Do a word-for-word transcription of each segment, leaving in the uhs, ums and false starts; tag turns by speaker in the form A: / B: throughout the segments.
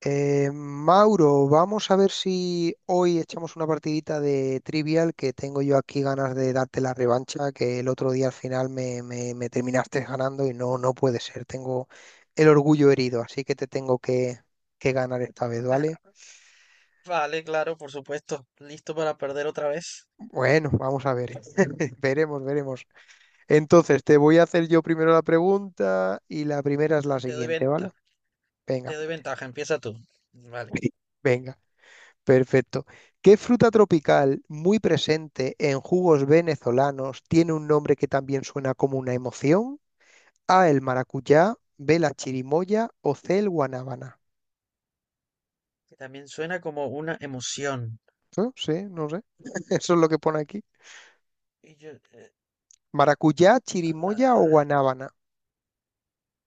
A: Eh, Mauro, vamos a ver si hoy echamos una partidita de Trivial, que tengo yo aquí ganas de darte la revancha, que el otro día al final me, me- me terminaste ganando y no, no puede ser, tengo el orgullo herido, así que te tengo que, que ganar esta vez, ¿vale?
B: Vale, claro, por supuesto. Listo para perder otra vez.
A: Bueno, vamos a ver, veremos, veremos. Entonces, te voy a hacer yo primero la pregunta y la primera es la
B: Eh, Te doy
A: siguiente, ¿vale?
B: venta, te
A: Venga,
B: doy ventaja. Empieza tú. Vale.
A: venga. Perfecto. ¿Qué fruta tropical muy presente en jugos venezolanos tiene un nombre que también suena como una emoción? A, el maracuyá, B, la chirimoya o C, el guanábana.
B: Que también suena como una emoción.
A: No sé, no sé. Eso es lo que pone aquí.
B: Y yo, eh,
A: Maracuyá, chirimoya o
B: la-
A: guanábana.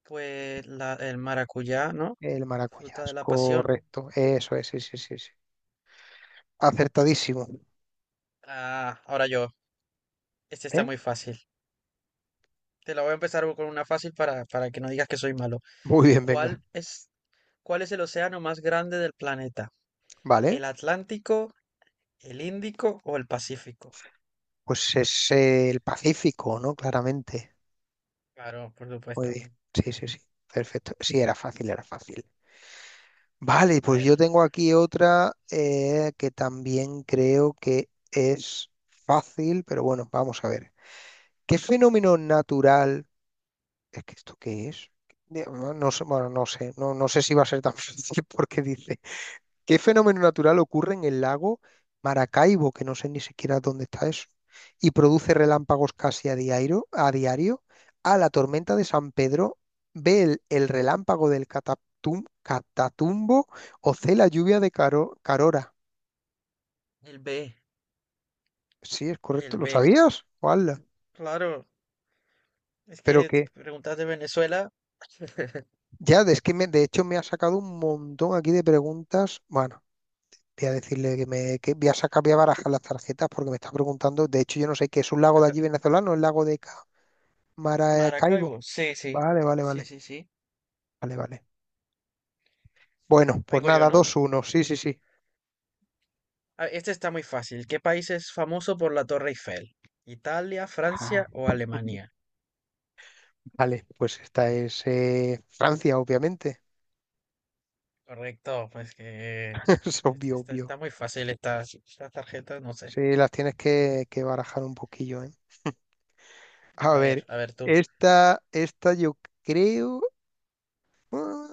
B: pues la, el maracuyá, ¿no?
A: El maracuyá,
B: Fruta
A: es
B: de la pasión.
A: correcto. Eso es, sí, sí, sí, sí. Acertadísimo.
B: Ah, ahora yo. Este está
A: ¿Eh?
B: muy fácil. Te la voy a empezar con una fácil para, para que no digas que soy malo.
A: Muy bien,
B: ¿Cuál
A: venga.
B: es, cuál es el océano más grande del planeta?
A: Vale,
B: ¿El Atlántico, el Índico o el Pacífico?
A: pues es eh, el Pacífico, ¿no? Claramente.
B: Claro, por
A: Muy
B: supuesto.
A: bien. Sí, sí, sí. Perfecto. Sí, era fácil, era fácil. Vale,
B: A a
A: pues
B: ver.
A: yo tengo aquí otra eh, que también creo que es fácil, pero bueno, vamos a ver. ¿Qué fenómeno natural? ¿Es que esto qué es? De- No no sé, bueno, no sé, no, no sé si va a ser tan fácil porque dice, ¿qué fenómeno natural ocurre en el lago Maracaibo, que no sé ni siquiera dónde está eso, y produce relámpagos casi a diario? ¿A diario? A la tormenta de San Pedro, ve el, el relámpago del Catatum- Catatumbo o C la lluvia de Caro- Carora.
B: El B,
A: Sí, es correcto,
B: el
A: ¿lo
B: B,
A: sabías? ¡Hala!
B: claro. Es
A: Pero
B: que te
A: que
B: preguntas de Venezuela,
A: ya, es que me- de hecho me ha sacado un montón aquí de preguntas. Bueno, voy a decirle que me que voy a sacar, voy a barajar las tarjetas porque me está preguntando. De hecho, yo no sé qué es un lago de allí venezolano, el lago de Ca- Maracaibo.
B: Maracaibo. Sí, sí,
A: Vale, vale,
B: sí,
A: vale.
B: sí, sí.
A: Vale, vale. Bueno, pues
B: Vengo yo,
A: nada,
B: ¿no?
A: dos uno, sí, sí, sí.
B: Ah, este está muy fácil. ¿Qué país es famoso por la Torre Eiffel? ¿Italia, Francia
A: Ah,
B: o Alemania?
A: vale, pues esta es eh, Francia, obviamente.
B: Correcto, pues que
A: Es
B: es-
A: obvio,
B: está,
A: obvio.
B: está muy fácil esta, esta tarjeta, no sé.
A: Sí, las tienes que, que barajar un poquillo, ¿eh? A
B: A ver,
A: ver,
B: a ver tú.
A: esta, esta yo creo. ah,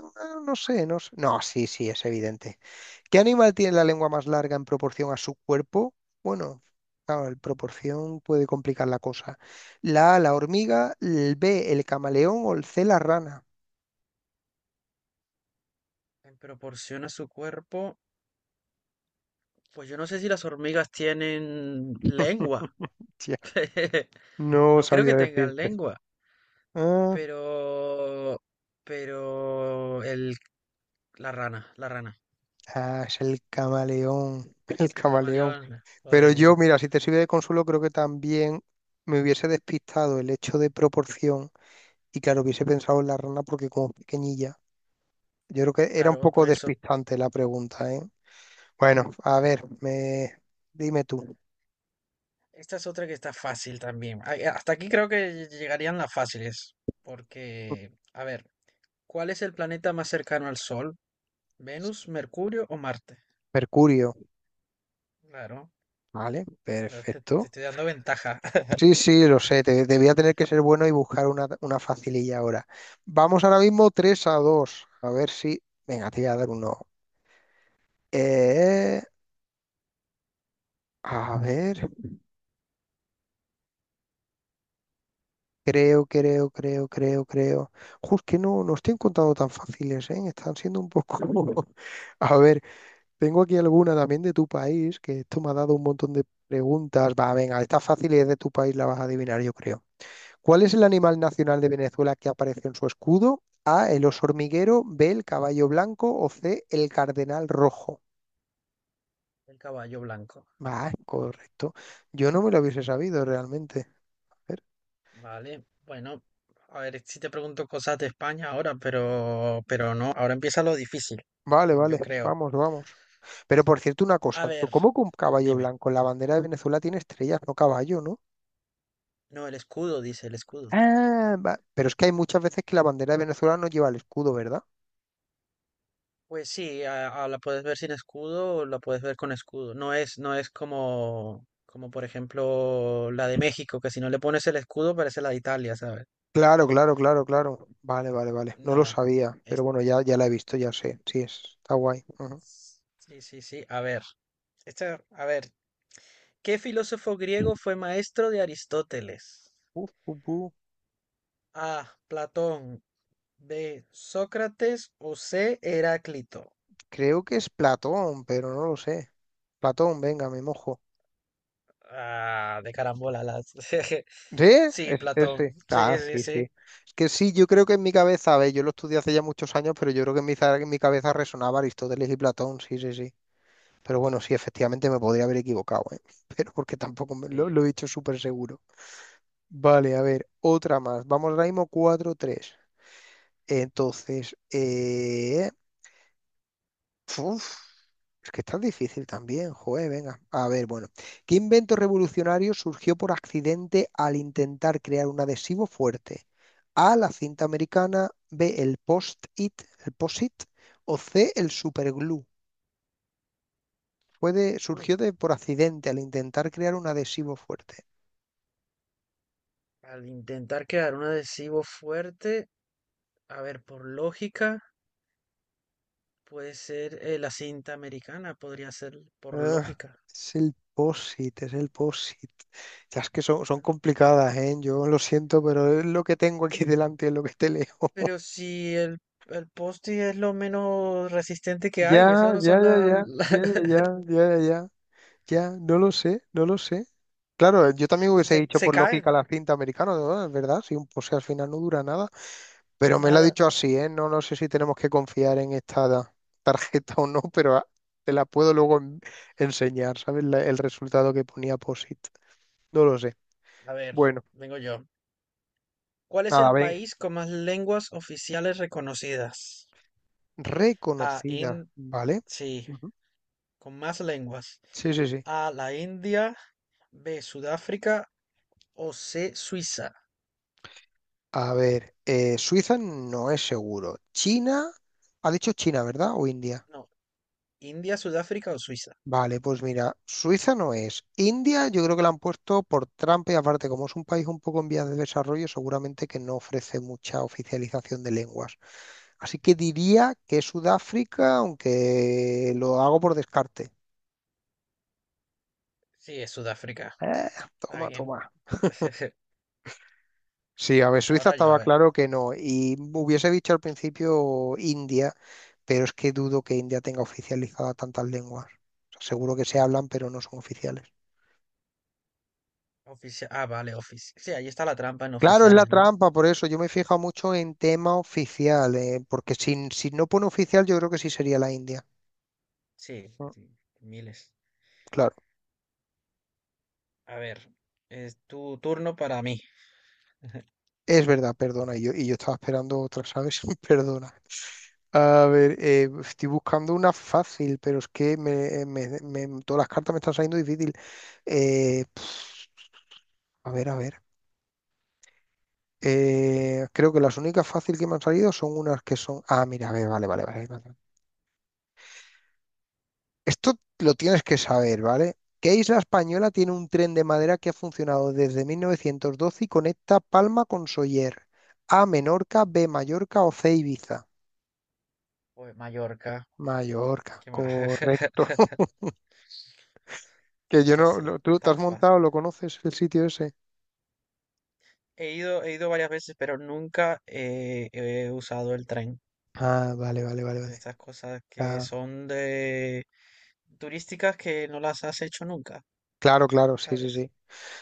A: No sé, no sé. No, sí, sí, es evidente. ¿Qué animal tiene la lengua más larga en proporción a su cuerpo? Bueno, claro, en proporción puede complicar la cosa. La A, la hormiga, el B, el camaleón o el C, la rana.
B: En proporción a su cuerpo, pues yo no sé si las hormigas tienen lengua.
A: Hostia, no
B: No creo que
A: sabía
B: tengan
A: decirte.
B: lengua.
A: Ah,
B: Pero, pero el, la rana, la rana,
A: ah, es el camaleón, el
B: el
A: camaleón.
B: camaleón, o
A: Pero yo,
B: de,
A: mira, si te sirve de consuelo, creo que también me hubiese despistado el hecho de proporción y claro, hubiese pensado en la rana porque como es pequeñilla. Yo creo que era un
B: claro, por
A: poco
B: eso.
A: despistante la pregunta, ¿eh? Bueno, a ver, me... dime tú.
B: Esta es otra que está fácil también. Ay, hasta aquí creo que llegarían las fáciles, porque, a ver, ¿cuál es el planeta más cercano al Sol? ¿Venus, Mercurio o Marte?
A: Mercurio,
B: Claro,
A: ¿vale?
B: pero te, te
A: Perfecto.
B: estoy dando ventaja.
A: Sí, sí, lo sé, te, te voy a tener que ser bueno y buscar una, una facililla ahora. Vamos ahora mismo tres a dos. A ver si... Venga, te voy a dar uno. Eh, a ver, creo, creo, creo, creo, creo. Justo que no, no estoy encontrando tan fáciles, ¿eh? Están siendo un poco... A ver, tengo aquí alguna también de tu país, que esto me ha dado un montón de preguntas. Va, venga, esta fácil es de tu país, la vas a adivinar, yo creo. ¿Cuál es el animal nacional de Venezuela que aparece en su escudo? A, el oso hormiguero, B, el caballo blanco o C, el cardenal rojo.
B: El caballo blanco.
A: Va, correcto. Yo no me lo hubiese
B: Está.
A: sabido realmente. A ver.
B: Vale, bueno, a ver si te pregunto cosas de España ahora, pero, pero no, ahora empieza lo difícil,
A: Vale,
B: mm,
A: vale,
B: yo creo.
A: vamos, vamos. Pero por cierto, una
B: A
A: cosa, ¿tú
B: ver,
A: cómo con caballo
B: dime.
A: blanco? La bandera de Venezuela tiene estrellas, no caballo, ¿no?
B: No, el escudo, dice el escudo.
A: Ah, va- pero es que hay muchas veces que la bandera de Venezuela no lleva el escudo, ¿verdad?
B: Pues sí, a- a la puedes ver sin escudo o la puedes ver con escudo. No es, no es como, como por ejemplo la de México, que si no le pones el escudo parece la de Italia, ¿sabes?
A: Claro, claro, claro, claro. Vale, vale, vale. No lo
B: No.
A: sabía, pero
B: es-
A: bueno, ya, ya la he visto, ya sé. Sí, es- está guay. Ajá.
B: Sí, sí, sí. A ver, esta, a ver, ¿qué filósofo griego fue maestro de Aristóteles?
A: Uf, pu, pu.
B: A, Platón. B, Sócrates. O C, Heráclito.
A: Creo que es Platón, pero no lo sé. Platón, venga, me mojo.
B: Ah, de carambola las.
A: ¿Sí?
B: Sí,
A: Es
B: Platón.
A: ese.
B: Sí,
A: Ah,
B: sí,
A: sí, sí.
B: sí.
A: Es que sí, yo creo que en mi cabeza, a ver, yo lo estudié hace ya muchos años, pero yo creo que en mi, za- en mi cabeza resonaba Aristóteles y Platón, sí, sí, sí. Pero bueno, sí, efectivamente me podría haber equivocado, ¿eh? Pero porque tampoco me- lo,
B: Sí.
A: lo he dicho súper seguro. Vale, a ver, otra más. Vamos ahora mismo cuatro tres. Entonces, eh, uf, es que está difícil también, joder, venga. A ver, bueno, ¿qué invento revolucionario surgió por accidente al intentar crear un adhesivo fuerte? A, la cinta americana, B, el post-it, el post-it, o C, el superglue. Fue de-
B: Mm.
A: surgió de, por accidente al intentar crear un adhesivo fuerte.
B: Al intentar crear un adhesivo fuerte, a ver, por lógica, puede ser eh, la cinta americana, podría ser por
A: Ah,
B: lógica.
A: es el post-it, es el post-it. Ya es que son, son complicadas, ¿eh? Yo lo siento, pero es lo que tengo aquí delante, es lo que te leo.
B: Pero si el, el post es lo menos resistente que hay,
A: Ya,
B: esas no
A: ya,
B: son
A: ya,
B: las...
A: ya, ya, ya, ya, ya, ya, ya, ya, no lo sé, no lo sé. Claro, eh, yo también hubiese
B: se,
A: dicho
B: se
A: por lógica
B: caen.
A: la cinta americana, ¿no? Es verdad, sí, un- pues si al final no dura nada. Pero me lo ha
B: Nada.
A: dicho así, ¿eh? No, no sé si tenemos que confiar en esta da- tarjeta o no, pero ah, te la puedo luego en- enseñar, ¿sabes? La- el resultado que ponía P O S I T. No lo sé.
B: A ver,
A: Bueno,
B: vengo yo. ¿Cuál es
A: nada,
B: el
A: ven,
B: país con más lenguas oficiales reconocidas? A,
A: reconocida,
B: In-
A: ¿vale?
B: sí,
A: Ujú.
B: con más lenguas.
A: Sí, sí, sí.
B: A, la India. B, Sudáfrica. O C, Suiza.
A: A ver, eh, Suiza no es seguro. China, ha dicho China, ¿verdad? ¿O India?
B: No, India, Sudáfrica o Suiza.
A: Vale, pues mira, Suiza no es. India yo creo que la han puesto por trampa y aparte, como es un país un poco en vías de desarrollo, seguramente que no ofrece mucha oficialización de lenguas. Así que diría que es Sudáfrica, aunque lo hago por descarte.
B: Sí, es Sudáfrica.
A: Eh,
B: Está
A: toma,
B: bien.
A: toma. Sí, a ver, Suiza
B: Ahora yo, a
A: estaba
B: ver.
A: claro que no. Y hubiese dicho al principio India, pero es que dudo que India tenga oficializada tantas lenguas. O sea, seguro que se hablan, pero no son oficiales.
B: Oficia- ah, vale, oficial. Sí, ahí está la trampa en
A: Claro, es la
B: oficiales, ¿no?
A: trampa, por eso yo me he fijado mucho en tema oficial, eh, porque si, si no pone oficial, yo creo que sí sería la India.
B: Sí,
A: Mm,
B: sí, miles.
A: claro,
B: A ver, es tu turno para mí.
A: es verdad, perdona, y yo, y yo estaba esperando otra, ¿sabes? Perdona. A ver, eh, estoy buscando una fácil, pero es que me, eh, me- me- todas las cartas me están saliendo difícil. Eh, pf, a ver, a ver. Eh, creo que las únicas fácil que me han salido son unas que son. Ah, mira, a ver, vale, vale, vale. Vale. Esto lo tienes que saber, ¿vale? ¿Qué isla española tiene un tren de madera que ha funcionado desde mil novecientos doce y conecta Palma con Soller? A, Menorca, B, Mallorca o C, Ibiza.
B: Pues Mallorca.
A: Mallorca,
B: ¿Qué más?
A: correcto. Que yo
B: Esta
A: no,
B: sí,
A: no- ¿tú te
B: tan
A: has montado?
B: fácil.
A: ¿Lo conoces el sitio ese?
B: He ido, he ido varias veces, pero nunca eh, he usado el tren.
A: Ah, vale, vale, vale, vale.
B: De estas cosas que
A: Ah,
B: son de turísticas que no las has hecho nunca,
A: claro, claro, sí, sí,
B: ¿sabes?
A: sí.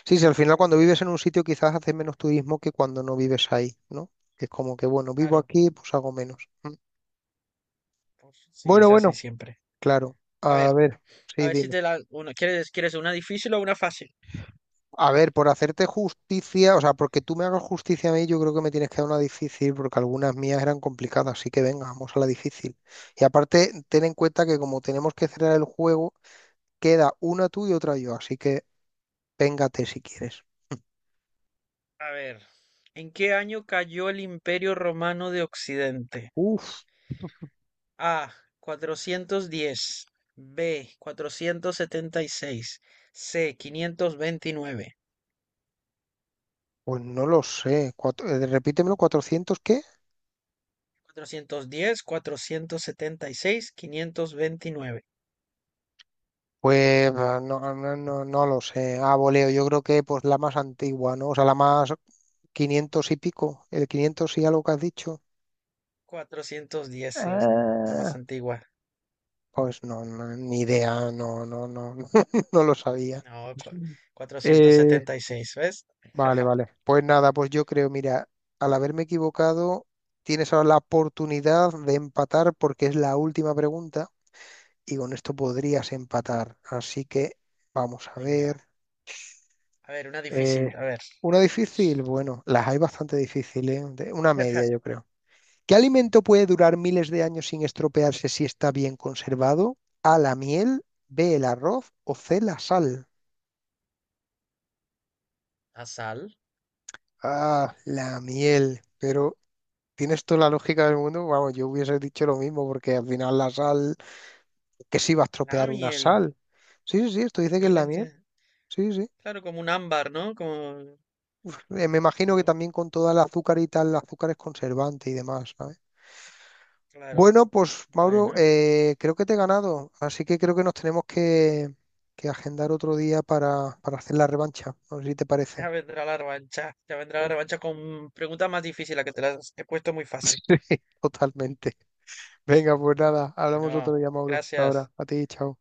A: Sí, sí, al final
B: Como
A: cuando
B: por
A: vives en un
B: ejemplo.
A: sitio quizás haces menos turismo que cuando no vives ahí, ¿no? Que es como que, bueno, vivo
B: Claro,
A: aquí, pues hago menos. Mm.
B: pues sí,
A: Bueno,
B: es así
A: bueno,
B: siempre.
A: claro.
B: A
A: A
B: ver,
A: ver,
B: a
A: sí,
B: ver si
A: dime.
B: te la... Una, ¿quieres, quieres una difícil o una fácil?
A: A ver, por hacerte justicia, o sea, porque tú me hagas justicia a mí, yo creo que me tienes que dar una difícil, porque algunas mías eran complicadas, así que venga, vamos a la difícil. Y aparte, ten en cuenta que como tenemos que cerrar el juego, queda una tú y otra yo, así que véngate si quieres.
B: A ver, ¿en qué año cayó el Imperio Romano de Occidente?
A: Uf,
B: A, cuatrocientos diez. B, cuatrocientos setenta y seis. C, quinientos veintinueve.
A: pues no lo sé. Cuatro- eh, repítemelo, ¿cuatrocientos qué?
B: Cuatrocientos cuatrocientos diez, cuatrocientos setenta y seis, quinientos veintinueve.
A: Pues ah, no, no, no, no lo sé. A voleo, yo creo que pues la más antigua, ¿no? O sea, la más quinientos y pico, el quinientos y algo que has dicho.
B: Cuatrocientos diez era la más
A: Ah,
B: antigua.
A: Pues no, no, ni idea, no, no, no, no lo sabía.
B: No, cuatrocientos
A: Eh,
B: setenta y seis, ¿ves?
A: vale, vale. Pues nada, pues yo creo, mira, al haberme equivocado, tienes ahora la oportunidad de empatar porque es la última pregunta y con esto podrías empatar. Así que vamos a
B: Venga.
A: ver.
B: A ver, una
A: Eh,
B: difícil. A ver.
A: una difícil, bueno, las hay bastante difíciles, ¿eh? De- Una media, yo creo. ¿Qué alimento puede durar miles de años sin estropearse si está bien conservado? A, la miel, B, el arroz o C, la sal.
B: La sal,
A: Ah, la miel. Pero tienes toda la lógica del mundo. Vamos, yo hubiese dicho lo mismo porque al final la sal, ¿que se iba a
B: la
A: estropear una
B: miel,
A: sal? Sí, sí, sí, esto dice que es la
B: miles de...
A: miel. Sí, sí.
B: Claro, como un ámbar, ¿no? Como,
A: Eh, me imagino que
B: como,
A: también con toda la azúcar y tal, el azúcar es conservante y demás, ¿sabes?
B: claro.
A: Bueno, pues Mauro,
B: Bueno.
A: eh, creo que te he ganado, así que creo que nos tenemos que, que agendar otro día para, para hacer la revancha. No sé si te
B: Ya
A: parece.
B: vendrá la revancha, ya vendrá la
A: Uy.
B: revancha con preguntas más difíciles, que te las he puesto muy fácil.
A: Totalmente. Venga, pues nada, hablamos otro
B: Bueno,
A: día, Mauro.
B: gracias.
A: Ahora, a ti, chao.